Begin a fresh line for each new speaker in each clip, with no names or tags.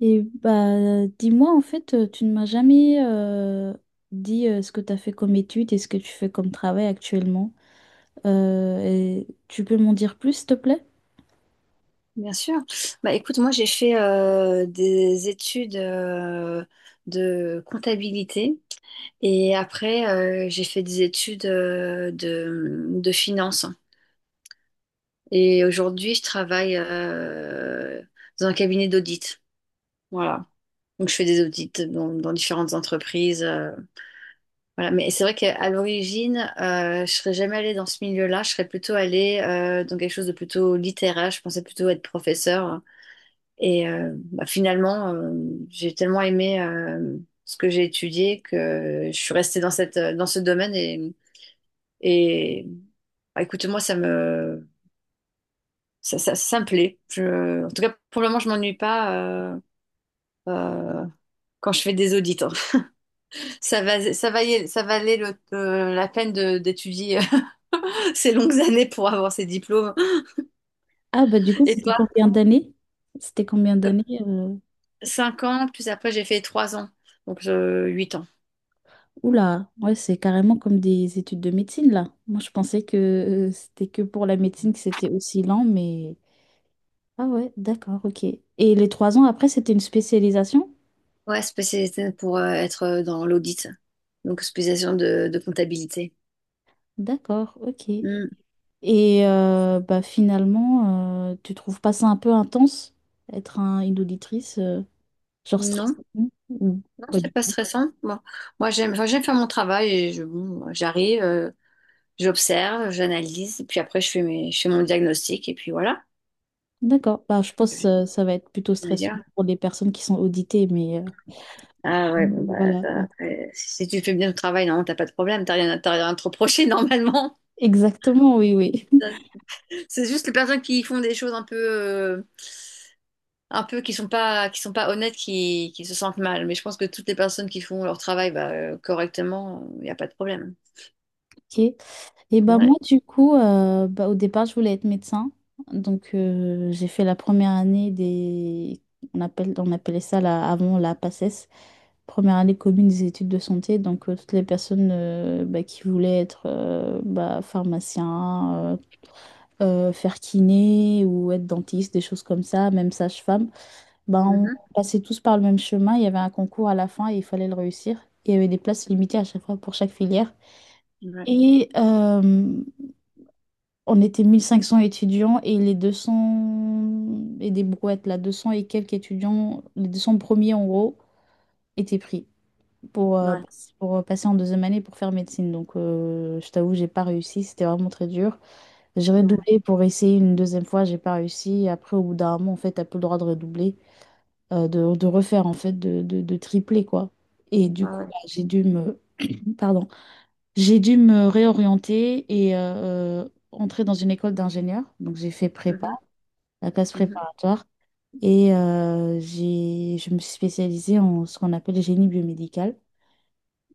Et bah, dis-moi, en fait, tu ne m'as jamais dit ce que tu as fait comme étude et ce que tu fais comme travail actuellement. Et tu peux m'en dire plus, s'il te plaît?
Bien sûr. Bah, écoute, moi j'ai fait des études de comptabilité et après j'ai fait des études de finance. Et aujourd'hui je travaille dans un cabinet d'audit. Voilà. Donc je fais des audits dans différentes entreprises. Voilà. Mais c'est vrai qu'à l'origine, je serais jamais allée dans ce milieu-là. Je serais plutôt allée dans quelque chose de plutôt littéraire. Je pensais plutôt être professeur. Et bah, finalement, j'ai tellement aimé ce que j'ai étudié que je suis restée dans ce domaine et bah, écoute, moi, ça me plaît. En tout cas, pour le moment, je m'ennuie pas euh, euh, quand je fais des audits. Hein. Ça valait la peine d'étudier ces longues années pour avoir ces diplômes.
Ah, bah, du coup,
Et
c'était
toi,
combien d'années? C'était combien d'années?
5 ans, plus après, j'ai fait 3 ans, donc 8 ans.
Oula, ouais, c'est carrément comme des études de médecine, là. Moi, je pensais que c'était que pour la médecine que c'était aussi lent, mais. Ah, ouais, d'accord, ok. Et les trois ans après, c'était une spécialisation?
Ouais, spécialisé pour être dans l'audit, donc spécialisation de comptabilité.
D'accord, ok.
Hmm.
Et bah, finalement, tu trouves pas ça un peu intense, être une auditrice, genre stressant
Non,
ou
non,
pas du
c'est pas
tout?
stressant. Moi enfin, j'aime faire mon travail et bon, j'arrive, j'observe, j'analyse, et puis après je fais mon diagnostic et puis voilà.
D'accord, bah, je pense
Je
que ça va être plutôt
veux
stressant
dire.
pour les personnes qui sont auditées, mais
Ah ouais, bon, bah,
voilà.
ça,
Ouais.
après, si tu fais bien ton travail, non, t'as pas de problème, t'as rien à te reprocher normalement.
Exactement, oui, oui.
C'est juste les personnes qui font des choses un peu qui sont pas honnêtes qui se sentent mal, mais je pense que toutes les personnes qui font leur travail bah, correctement, il n'y a pas de problème.
Ok. Et ben
Ouais.
moi du coup bah, au départ je voulais être médecin donc j'ai fait la première année des on appelle on appelait ça la- avant la PACES, première année commune des études de santé, donc toutes les personnes bah, qui voulaient être bah, pharmacien, euh, faire kiné ou être dentiste, des choses comme ça, même sage-femme. Ben on
Mhm.
passait tous par le même chemin, il y avait un concours à la fin et il fallait le réussir. Il y avait des places limitées à chaque fois pour chaque filière.
Ouais,
Et on était 1 500 étudiants et les 200 et des brouettes, là, 200 et quelques étudiants, les 200 premiers en gros, étaient pris pour, euh,
ouais,
pour passer en deuxième année pour faire médecine. Donc, je t'avoue, j'ai pas réussi, c'était vraiment très dur. J'ai
ouais,
redoublé pour essayer une deuxième fois, j'ai pas réussi. Après, au bout d'un moment, en fait, t'as plus le droit de redoubler, de refaire, en fait, de tripler, quoi. Et du
ouais,
coup,
ouais.
bah, j'ai dû me, pardon, j'ai dû me réorienter et entrer dans une école d'ingénieur. Donc, j'ai fait prépa,
Mhm.
la classe
Mhm.
préparatoire. Et je me suis spécialisée en ce qu'on appelle le génie biomédical.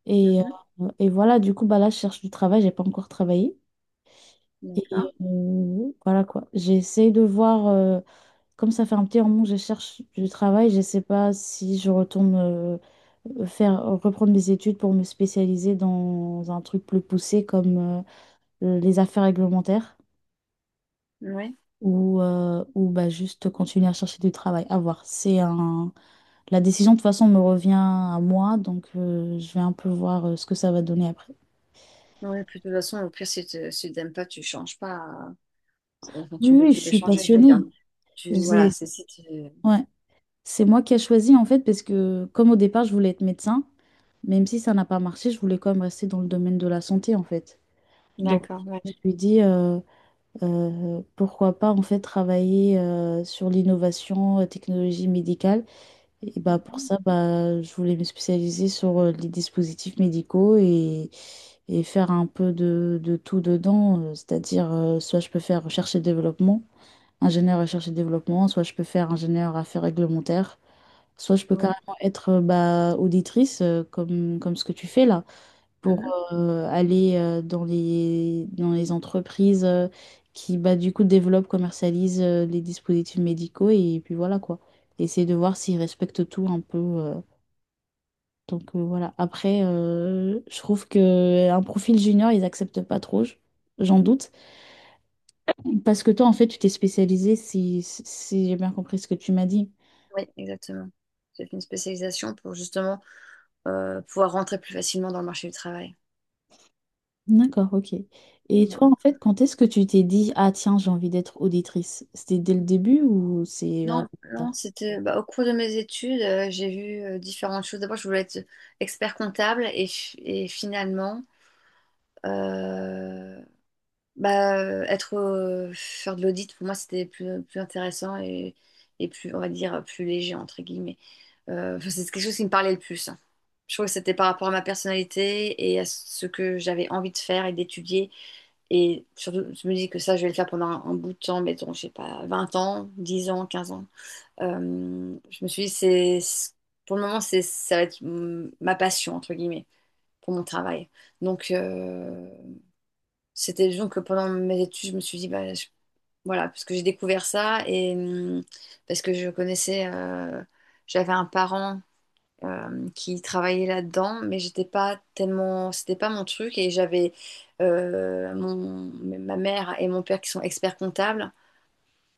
Et,
Mhm.
et voilà, du coup, bah là, je cherche du travail, j'ai pas encore travaillé.
D'accord,
Et voilà quoi. J'essaie de voir, comme ça fait un petit moment que je cherche du travail, je sais pas si je retourne faire, reprendre mes études pour me spécialiser dans un truc plus poussé comme les affaires réglementaires,
ouais,
ou bah, juste continuer à chercher du travail. À voir. C'est un. La décision, de toute façon, me revient à moi, donc je vais un peu voir ce que ça va donner après.
ouais, puis de toute façon, au pire, si t'aimes pas, tu changes pas, enfin,
Oui, oui, je
tu peux
suis
changer, je veux dire.
passionnée.
Tu Voilà.
C'est
c'est si tu
ouais. C'est moi qui ai choisi, en fait, parce que comme au départ, je voulais être médecin, même si ça n'a pas marché, je voulais quand même rester dans le domaine de la santé, en fait. Donc,
D'accord. Ouais.
je me suis dit, pourquoi pas, en fait, travailler sur l'innovation, technologie médicale. Et bah pour
Mhm.
ça, bah, je voulais me spécialiser sur les dispositifs médicaux et faire un peu de tout dedans. C'est-à-dire, soit je peux faire recherche et développement, ingénieur recherche et développement, soit je peux faire ingénieur affaires réglementaires, soit je peux
Ouais.
carrément être bah, auditrice comme, comme ce que tu fais là pour
Mhm.
aller dans les entreprises qui, bah, du coup, développent, commercialisent les dispositifs médicaux et puis voilà quoi. Essayer de voir s'ils respectent tout un peu. Donc voilà. Après, je trouve que un profil junior, ils acceptent pas trop, j'en doute. Parce que toi, en fait, tu t'es spécialisé, si j'ai bien compris ce que tu m'as dit.
Ouais, exactement, j'ai fait une spécialisation pour justement pouvoir rentrer plus facilement dans le marché du travail.
D'accord, ok. Et
Ouais.
toi, en fait, quand est-ce que tu t'es dit, ah tiens, j'ai envie d'être auditrice? C'était dès le début ou c'est vraiment
Non,
plus
non,
tard?
c'était bah, au cours de mes études, j'ai vu différentes choses. D'abord, je voulais être expert comptable et finalement, euh, bah, être faire de l'audit pour moi c'était plus intéressant et plus, on va dire, plus léger entre guillemets. Enfin, c'est quelque chose qui me parlait le plus. Hein. Je trouve que c'était par rapport à ma personnalité et à ce que j'avais envie de faire et d'étudier. Et surtout, je me dis que ça, je vais le faire pendant un bout de temps, mettons, je sais pas, 20 ans, 10 ans, 15 ans. Je me suis dit, pour le moment, ça va être ma passion, entre guillemets, pour mon travail. Donc, c'était donc que pendant mes études, je me suis dit, bah, voilà, parce que j'ai découvert ça et parce que je connaissais, j'avais un parent qui travaillait là-dedans, mais j'étais pas tellement, c'était pas mon truc, et j'avais ma mère et mon père qui sont experts comptables.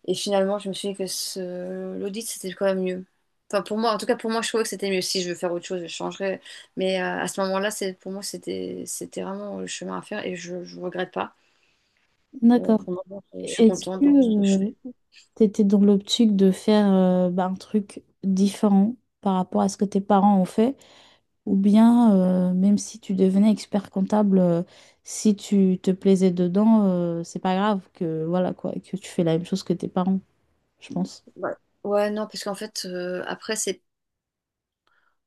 Et finalement, je me suis dit que l'audit, c'était quand même mieux. Enfin, pour moi, en tout cas, pour moi, je trouvais que c'était mieux. Si je veux faire autre chose, je changerai. Mais à ce moment-là, c'est pour moi, c'était vraiment le chemin à faire et je ne regrette pas.
D'accord.
Pour le moment, je suis
Est-ce
contente
que
dans ce que je fais.
tu étais dans l'optique de faire bah, un truc différent par rapport à ce que tes parents ont fait? Ou bien, même si tu devenais expert comptable, si tu te plaisais dedans, c'est pas grave que, voilà, quoi, que tu fais la même chose que tes parents, je pense.
Ouais, ouais, non, parce qu'en fait, après, c'est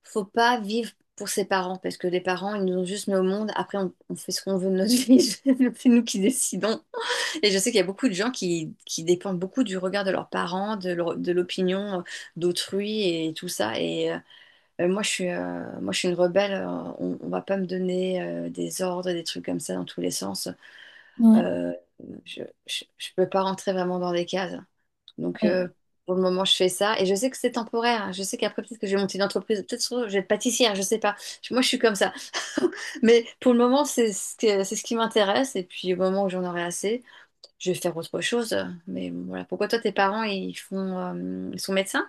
faut pas vivre pour ses parents, parce que les parents, ils nous ont juste mis au monde. Après, on fait ce qu'on veut de notre vie. C'est nous qui décidons. Et je sais qu'il y a beaucoup de gens qui dépendent beaucoup du regard de leurs parents, de l'opinion d'autrui et tout ça. Et moi, je suis une rebelle. On va pas me donner des ordres, des trucs comme ça dans tous les sens.
Ouais.
Euh, je peux pas rentrer vraiment dans des cases. Donc,
Ouais.
pour le moment, je fais ça. Et je sais que c'est temporaire. Hein. Je sais qu'après, peut-être que je vais monter une entreprise. Peut-être que je vais être pâtissière. Je sais pas. Moi, je suis comme ça. Mais pour le moment, c'est ce qui m'intéresse. Et puis, au moment où j'en aurai assez, je vais faire autre chose. Mais bon, voilà. Pourquoi toi, tes parents, ils sont médecins?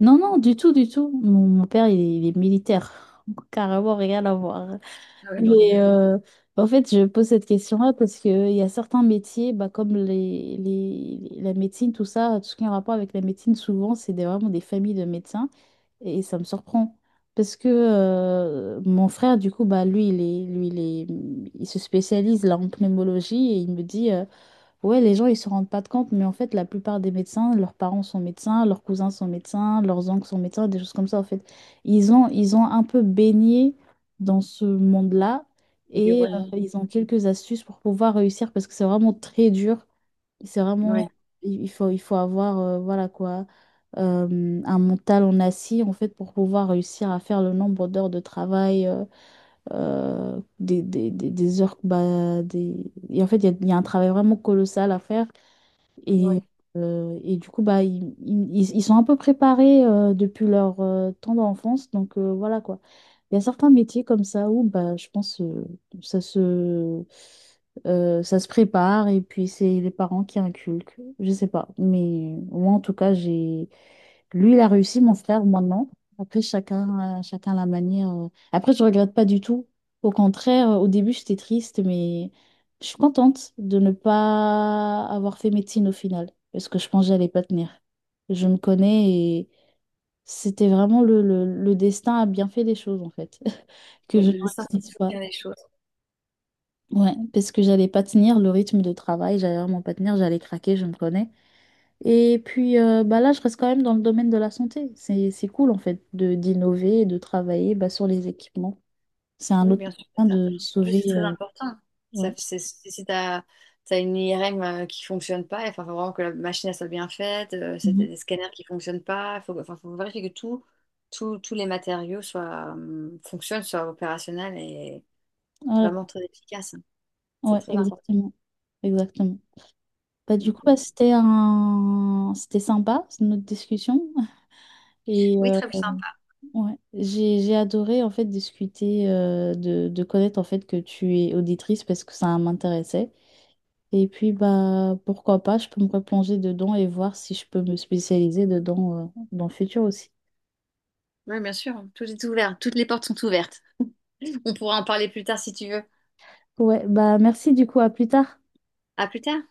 Non, non, du tout, du tout. Mon père, il est militaire. Carrément, rien à voir.
Ah oui, non, rien à
Mais
voir.
en fait, je pose cette question-là parce qu'il y a certains métiers, bah, comme la médecine, tout ça, tout ce qui est en rapport avec la médecine, souvent, c'est des- vraiment des familles de médecins et ça me surprend. Parce que mon frère, du coup, bah, lui, il se spécialise là, en pneumologie et il me dit. Ouais, les gens, ils se rendent pas de compte, mais en fait, la plupart des médecins, leurs parents sont médecins, leurs cousins sont médecins, leurs oncles sont médecins, des choses comme ça, en fait. Ils ont un peu baigné dans ce monde-là et
Environnement.
ils ont quelques astuces pour pouvoir réussir parce que c'est vraiment très dur. C'est vraiment,
Oui,
il faut avoir, voilà quoi, un mental en acier, en fait, pour pouvoir réussir à faire le nombre d'heures de travail, des heures, bah, des... Et en fait, il y a un travail vraiment colossal à faire. Et,
oui.
et du coup, bah, ils sont un peu préparés depuis leur temps d'enfance. Donc voilà quoi. Il y a certains métiers comme ça où bah, je pense ça se, ça se prépare et puis c'est les parents qui inculquent. Je sais pas. Mais moi en tout cas, j'ai lui, il a réussi, mon frère, moi non. Après, chacun la manière. Après, je regrette pas du tout. Au contraire, au début, j'étais triste, mais je suis contente de ne pas avoir fait médecine au final, parce que je pense que j'allais pas tenir. Je me connais et c'était vraiment le destin a bien fait les choses, en fait, que
Oui,
je ne
le médecin
réussisse
fait toujours
pas.
bien les choses.
Ouais, parce que j'allais pas tenir le rythme de travail, j'allais vraiment pas tenir, j'allais craquer, je me connais. Et puis bah là, je reste quand même dans le domaine de la santé. C'est cool en fait de d'innover et de travailler bah, sur les équipements. C'est un
Oui,
autre
bien sûr, c'est
moyen
ça.
de
En plus,
sauver.
c'est très important. Ça,
Ouais.
si tu as une IRM qui fonctionne pas, il faut vraiment que la machine elle soit bien faite, c'est des
Mhm.
des scanners qui fonctionnent pas, enfin, faut vérifier que tous les matériaux fonctionnent, soient opérationnels et
Voilà quoi.
vraiment très efficaces. Hein. C'est
Ouais,
très important.
exactement. Exactement. Bah, du
Donc,
coup, bah, c'était sympa, c'est notre discussion. Et
oui, très bien.
ouais, j'ai adoré en fait discuter, de connaître en fait que tu es auditrice parce que ça m'intéressait. Et puis, bah, pourquoi pas, je peux me replonger dedans et voir si je peux me spécialiser dedans, dans le futur aussi.
Oui, bien sûr. Hein. Tout est ouvert. Toutes les portes sont ouvertes. On pourra en parler plus tard si tu veux.
Ouais, bah merci du coup, à plus tard.
À plus tard.